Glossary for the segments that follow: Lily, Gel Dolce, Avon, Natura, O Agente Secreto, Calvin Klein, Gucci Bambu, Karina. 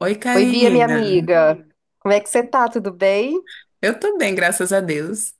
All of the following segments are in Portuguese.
Oi, Oi, Bia, minha Oi, Karina. Gabi, amiga, Camille. Como é que você tá? Tudo bem? Eu tô bem, graças a Deus.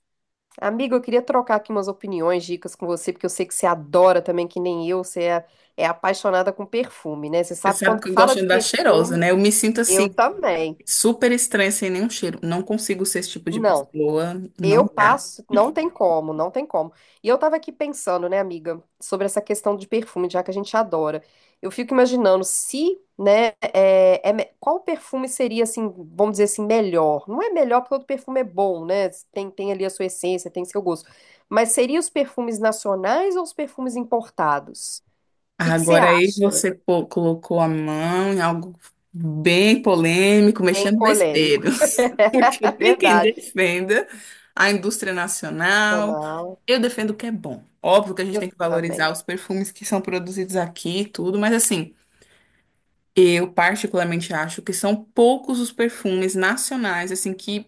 Amiga, eu queria trocar aqui umas opiniões, dicas com você, porque eu sei que você adora também, que nem eu, você é apaixonada com perfume, né? Você Você sabe sabe quando que eu gosto fala de de andar cheirosa, perfume, né? Eu me sinto assim, eu também. super estranha sem nenhum cheiro. Não consigo ser esse tipo de Não. pessoa, Eu não dá. passo, não tem como, não tem como. E eu tava aqui pensando, né, amiga, sobre essa questão de perfume, já que a gente adora. Eu fico imaginando se, né, qual perfume seria, assim, vamos dizer assim, melhor. Não é melhor porque todo perfume é bom, né? Tem ali a sua essência, tem seu gosto. Mas seria os perfumes nacionais ou os perfumes importados? O que que você Agora aí acha? você colocou a mão em algo bem polêmico, Tem mexendo polêmico, besteiro. Porque é tem quem verdade. defenda a indústria nacional. Nacional, Eu defendo o que é bom. Óbvio que a gente eu tem que valorizar também. os perfumes que são produzidos aqui e tudo, mas assim. Eu particularmente acho que são poucos os perfumes nacionais assim que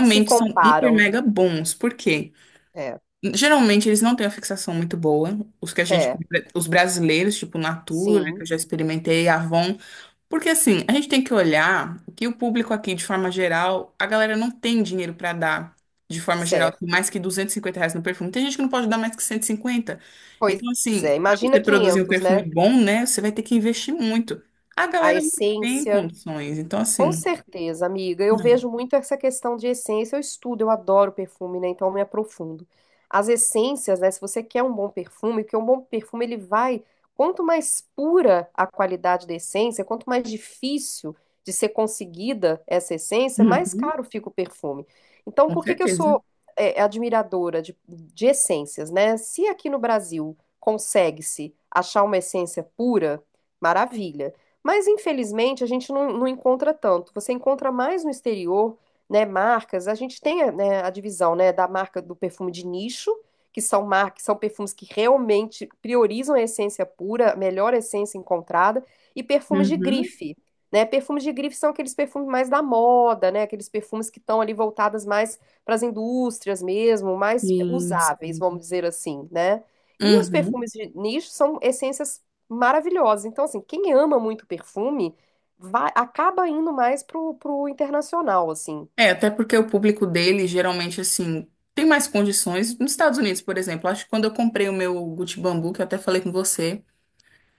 Se são hiper comparam, mega bons. Por quê? é, Geralmente eles não têm uma fixação muito boa. Os que a gente, é, os brasileiros, tipo Natura, que sim. eu já experimentei, Avon, porque assim, a gente tem que olhar que o público aqui, de forma geral, a galera não tem dinheiro para dar, de forma geral, assim, Certo. mais que R$ 250 no perfume. Tem gente que não pode dar mais que 150. Pois Então, assim, é, pra imagina você produzir um 500, perfume né? bom, né, você vai ter que investir muito. A A galera não tem essência. condições. Então, Com assim, certeza, amiga. Eu né? vejo muito essa questão de essência. Eu estudo, eu adoro perfume, né? Então eu me aprofundo. As essências, né? Se você quer um bom perfume, porque um bom perfume ele vai. Quanto mais pura a qualidade da essência, quanto mais difícil de ser conseguida essa essência, mais Uhum, caro fica o perfume. Então, com por que que eu certeza. sou admiradora de essências, né? Se aqui no Brasil consegue-se achar uma essência pura, maravilha. Mas infelizmente a gente não encontra tanto. Você encontra mais no exterior, né, marcas. A gente tem, né, a divisão, né, da marca do perfume de nicho, que são marcas, são perfumes que realmente priorizam a essência pura, a melhor essência encontrada, e perfumes de Uhum, grife, né? Perfumes de grife são aqueles perfumes mais da moda, né? Aqueles perfumes que estão ali voltadas mais para as indústrias mesmo, mais sim, usáveis, vamos sim. dizer assim, né? E os Uhum. perfumes de nicho são essências maravilhosos. Então, assim, quem ama muito perfume vai, acaba indo mais pro internacional, assim. É, até porque o público dele, geralmente, assim, tem mais condições. Nos Estados Unidos, por exemplo, acho que quando eu comprei o meu Gucci Bambu, que eu até falei com você.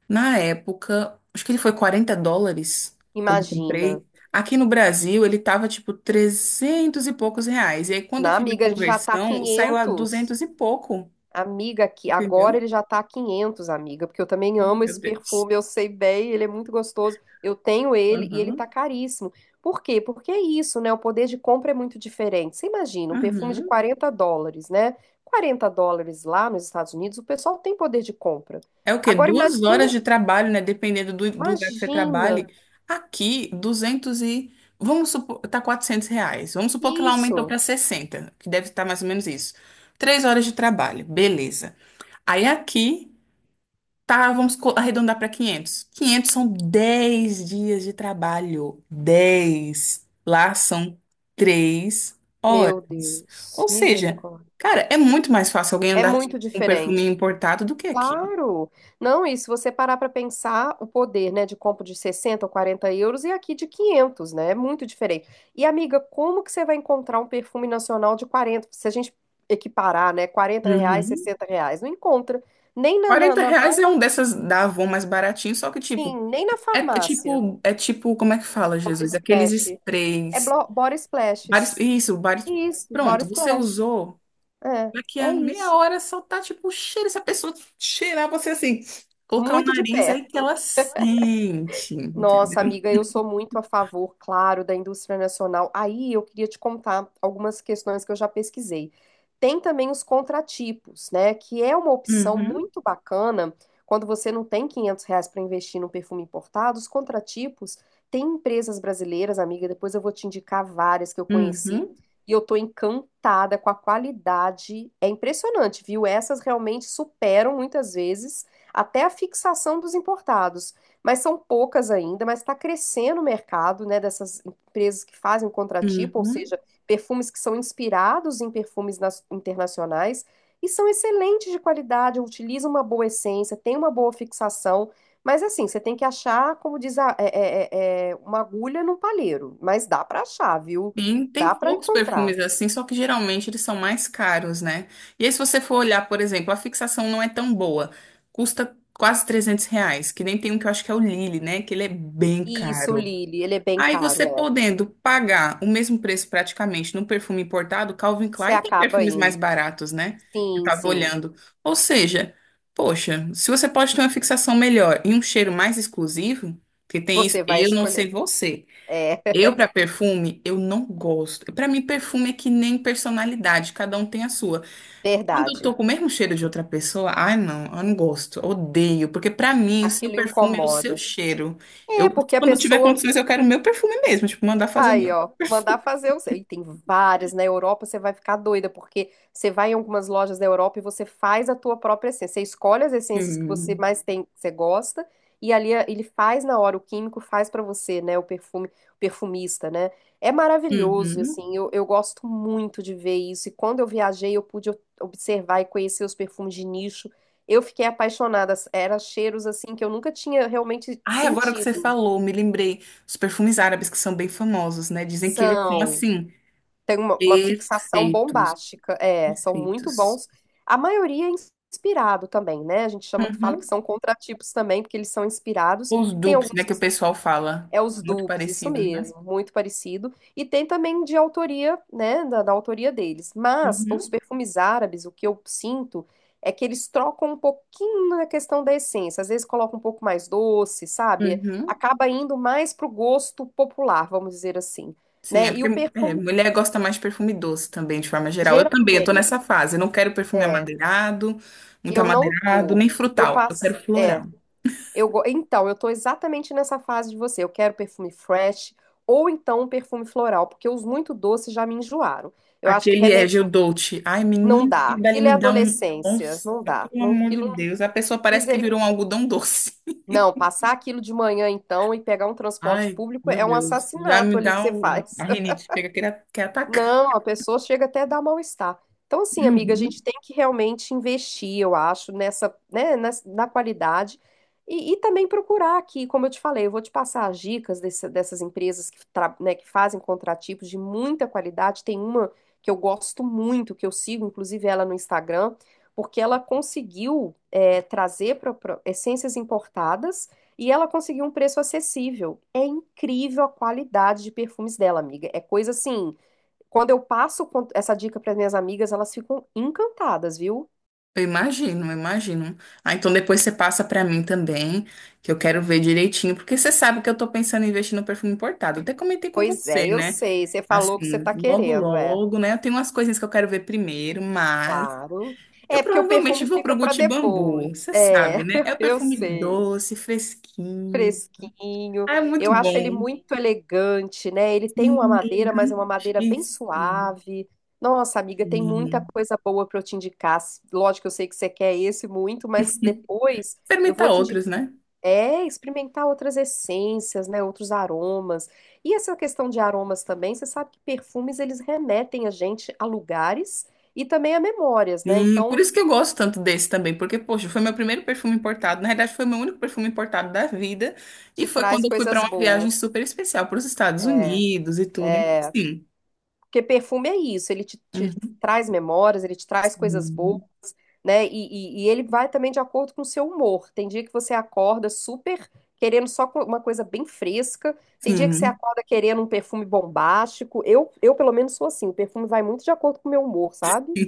Na época, acho que ele foi US$ 40 quando eu Imagina. comprei. Aqui no Brasil, ele tava tipo 300 e poucos reais. E aí, quando eu Na fiz a amiga, ele já tá conversão, saiu a 500, 200 e pouco, Amiga, aqui, agora entendeu? ele já tá 500, amiga, porque eu também Oh, amo esse meu Deus. perfume, eu sei bem, ele é muito gostoso. Eu tenho ele e ele Aham, tá caríssimo. Por quê? Porque é isso, né? O poder de compra é muito diferente. Você imagina, um perfume de aham. US$ 40, né? US$ 40 lá nos Estados Unidos, o pessoal tem poder de compra. É o quê? Agora 2 horas imagina de trabalho, né? Dependendo do, do lugar que você Imagina trabalhe. Aqui, 200 e. Vamos supor, tá R$ 400. Vamos supor que lá aumentou para isso. 60, que deve estar mais ou menos isso. 3 horas de trabalho, beleza. Aí aqui. Tá, vamos arredondar para 500. 500 são 10 dias de trabalho. Dez Lá são três Meu horas. Deus, Ou seja, misericórdia. cara, é muito mais fácil alguém É andar muito com um perfuminho diferente. importado do que aqui. Claro. Não, e se você parar para pensar, o poder, né, de compra de 60 ou 40 € e aqui de 500, né? É muito diferente. E, amiga, como que você vai encontrar um perfume nacional de 40? Se a gente equiparar, né, R$ 40, Uhum. R$ 60, não encontra. Nem na, na, 40 na reais mais- é um dessas da Avon mais baratinho, só que tipo, Sim, nem na é, é farmácia. tipo, é tipo, como é que fala, Body Jesus? Aqueles Splash. Sprays. Body Vários, Splashes. isso, vários. Isso, Body Pronto, você Splash. usou. É, Daqui a é meia isso. hora só tá tipo o cheiro. Se a pessoa cheirar você assim, colocar o Muito de nariz aí que perto. ela sente, Nossa, entendeu? amiga, eu sou muito a favor, claro, da indústria nacional. Aí eu queria te contar algumas questões que eu já pesquisei. Tem também os contratipos, né? Que é uma opção Uhum, muito bacana quando você não tem R$ 500 para investir num perfume importado. Os contratipos tem empresas brasileiras, amiga. Depois eu vou te indicar várias que eu conheci uhum, e eu tô encantada com a qualidade. É impressionante, viu? Essas realmente superam muitas vezes até a fixação dos importados, mas são poucas ainda, mas está crescendo o mercado, né, dessas empresas que fazem o contratipo, ou uhum. seja, perfumes que são inspirados em perfumes internacionais e são excelentes de qualidade, utilizam uma boa essência, tem uma boa fixação, mas assim, você tem que achar, como diz a, uma agulha num palheiro, mas dá para achar, viu? Sim, Dá tem para poucos encontrar. perfumes assim, só que geralmente eles são mais caros, né? E aí, se você for olhar, por exemplo, a fixação não é tão boa, custa quase R$ 300, que nem tem um que eu acho que é o Lily, né? Que ele é bem Isso, caro. Lili, ele é bem Aí caro, você é. podendo pagar o mesmo preço praticamente num perfume importado, Calvin Você Klein tem acaba perfumes mais indo. baratos, né? Eu Sim, tava sim. olhando. Ou seja, poxa, se você pode ter uma fixação melhor e um cheiro mais exclusivo, que tem isso, Você vai eu não sei escolher. você. É, Eu para perfume, eu não gosto. Para mim perfume é que nem personalidade, cada um tem a sua. Quando eu tô verdade. com o mesmo cheiro de outra pessoa, ai não, eu não gosto, odeio, porque pra mim o seu Aquilo perfume é o seu incomoda. cheiro. Eu, É, porque a quando tiver pessoa. condições, eu quero o meu perfume mesmo, tipo, mandar fazer o Aí, meu ó, mandar fazer o seu. E tem várias na Europa, você vai ficar doida, porque você vai em algumas lojas da Europa e você faz a tua própria essência. Você escolhe as essências que você perfume. mais tem, que você gosta, e ali ele faz na hora, o químico faz pra você, né? O perfume, o perfumista, né? É maravilhoso, Uhum. assim, eu gosto muito de ver isso. E quando eu viajei, eu pude observar e conhecer os perfumes de nicho. Eu fiquei apaixonada, eram cheiros assim que eu nunca tinha realmente Ai, agora que você sentido. falou, me lembrei, os perfumes árabes que são bem famosos, né? Dizem que eles são São, assim, tem uma fixação perfeitos, bombástica, são muito perfeitos. bons. A maioria é inspirado também, né? A gente chama que fala que Uhum. são contratipos também, porque eles são inspirados. Os Tem dupes, né, alguns que que o pessoal fala, é os muito dupes, isso parecidos, né? mesmo, muito parecido. E tem também de autoria, né, da autoria deles. Mas os Uhum. perfumes árabes, o que eu sinto é que eles trocam um pouquinho na questão da essência. Às vezes colocam um pouco mais doce, sabe? Uhum. Acaba indo mais pro gosto popular, vamos dizer assim, Sim, é né? E porque o é, perfume mulher gosta mais de perfume doce também, de forma geral. Eu também, eu tô Geralmente, nessa fase. Eu não quero perfume é, amadeirado, muito eu não amadeirado, tô. nem Eu frutal. Eu passo, quero é, floral. Então, eu tô exatamente nessa fase de você. Eu quero perfume fresh ou então um perfume floral, porque os muito doces já me enjoaram. Eu acho que Aquele é remete Gel Dolce. Ai, Não menina, dá. aquele dali Aquilo é me dá um... adolescência, Nossa, não dá. pelo Não, amor de aquilo não Deus. A pessoa parece que virou um misericórdia. algodão doce. Não, passar aquilo de manhã então e pegar um transporte Ai, público meu é um Deus. Já assassinato me ali que dá você um... A faz. rinite chega a querer, quer atacar. Não, a pessoa chega até a dar mal-estar. Então, assim, amiga, a Uhum. gente tem que realmente investir, eu acho, na qualidade, e também procurar aqui, como eu te falei, eu vou te passar as dicas dessas empresas que, né, que fazem contratipos de muita qualidade. Tem uma que eu gosto muito, que eu sigo, inclusive, ela no Instagram, porque ela conseguiu, trazer essências importadas e ela conseguiu um preço acessível. É incrível a qualidade de perfumes dela, amiga. É coisa assim. Quando eu passo essa dica para minhas amigas, elas ficam encantadas, viu? Eu imagino, eu imagino. Ah, então depois você passa pra mim também, que eu quero ver direitinho, porque você sabe que eu tô pensando em investir no perfume importado. Eu até comentei com Pois é, você, eu né? sei. Você falou o que você Assim, tá logo querendo, é. logo, né? Eu tenho umas coisinhas que eu quero ver primeiro, mas Claro. eu É porque o provavelmente perfume vou fica pro para Gucci Bambu, depois. você É, sabe, né? É o eu perfume sei. doce, fresquinho. Fresquinho. Ah, é muito Eu acho ele bom. muito elegante, né? Ele tem uma Sim, é madeira, mas é uma madeira bem elegantíssimo. suave. Nossa, amiga, tem muita coisa boa para eu te indicar. Lógico, eu sei que você quer esse muito, mas depois eu Experimentar vou te outros, indicar. né? É, experimentar outras essências, né, outros aromas. E essa questão de aromas também, você sabe que perfumes eles remetem a gente a lugares e também a memórias, né? E por Então, isso que eu gosto tanto desse também, porque, poxa, foi meu primeiro perfume importado. Na realidade, foi meu único perfume importado da vida. E te foi quando traz eu fui para coisas uma viagem boas. super especial para os Estados Unidos e tudo. Então, assim, Porque perfume é isso, ele te, uhum, traz memórias, ele te traz coisas boas, sim, né? E ele vai também de acordo com o seu humor. Tem dia que você acorda super querendo só uma coisa bem fresca, tem dia que você sim, acorda querendo um perfume bombástico. Eu pelo menos, sou assim, o perfume vai muito de acordo com o meu humor, sabe?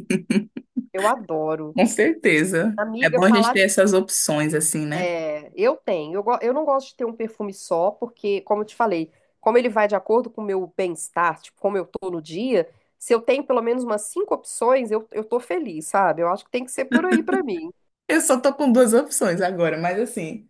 Eu adoro. com certeza. É Amiga, bom a gente falar ter de. essas opções, assim, né? Eu tenho. Eu não gosto de ter um perfume só, porque, como eu te falei, como ele vai de acordo com o meu bem-estar, tipo, como eu tô no dia, se eu tenho pelo menos umas cinco opções, eu tô feliz, sabe? Eu acho que tem que ser por aí pra mim. Eu só tô com duas opções agora, mas assim,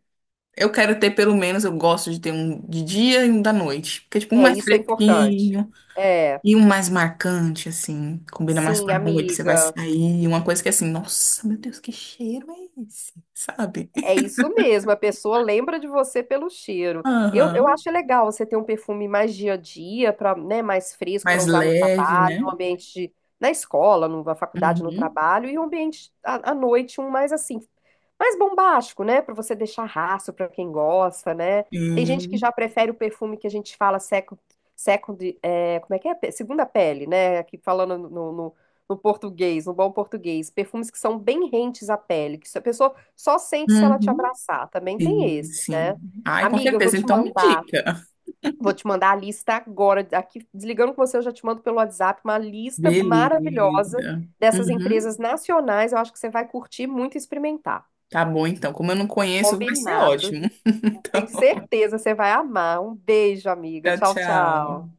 eu quero ter pelo menos, eu gosto de ter um de dia e um da noite. Porque, tipo, um É, mais isso é importante. fresquinho. É, E um mais marcante, assim, combina mais com sim, a noite, você vai amiga. sair, uma coisa que é assim, nossa, meu Deus, que cheiro é esse? Sabe? É isso mesmo, a pessoa lembra de você pelo cheiro. Eu Aham. acho legal você ter um perfume mais dia a dia, pra, né, mais fresco para Mais usar no leve, trabalho, né? no ambiente na escola, na faculdade, no Uhum. trabalho, e um ambiente à noite, um mais assim, mais bombástico, né? Para você deixar rastro para quem gosta, né? Tem gente que Sim. já prefere o perfume que a gente fala second, second, é, como é que é? Segunda pele, né? Aqui falando no português, no bom português, perfumes que são bem rentes à pele, que se a pessoa só sente se ela te Uhum. abraçar. Também tem Sim, esses, sim. né? Ai, com Amiga, eu vou certeza. te Então me mandar, indica. vou te mandar a lista agora. Aqui, desligando com você, eu já te mando pelo WhatsApp uma lista maravilhosa Beleza. dessas Uhum. empresas nacionais. Eu acho que você vai curtir muito e experimentar. Tá bom, então. Como eu não conheço, vai ser Combinado. ótimo. Tenho certeza, você vai amar. Um beijo, amiga. Então, Tchau, tchau, tchau. tchau.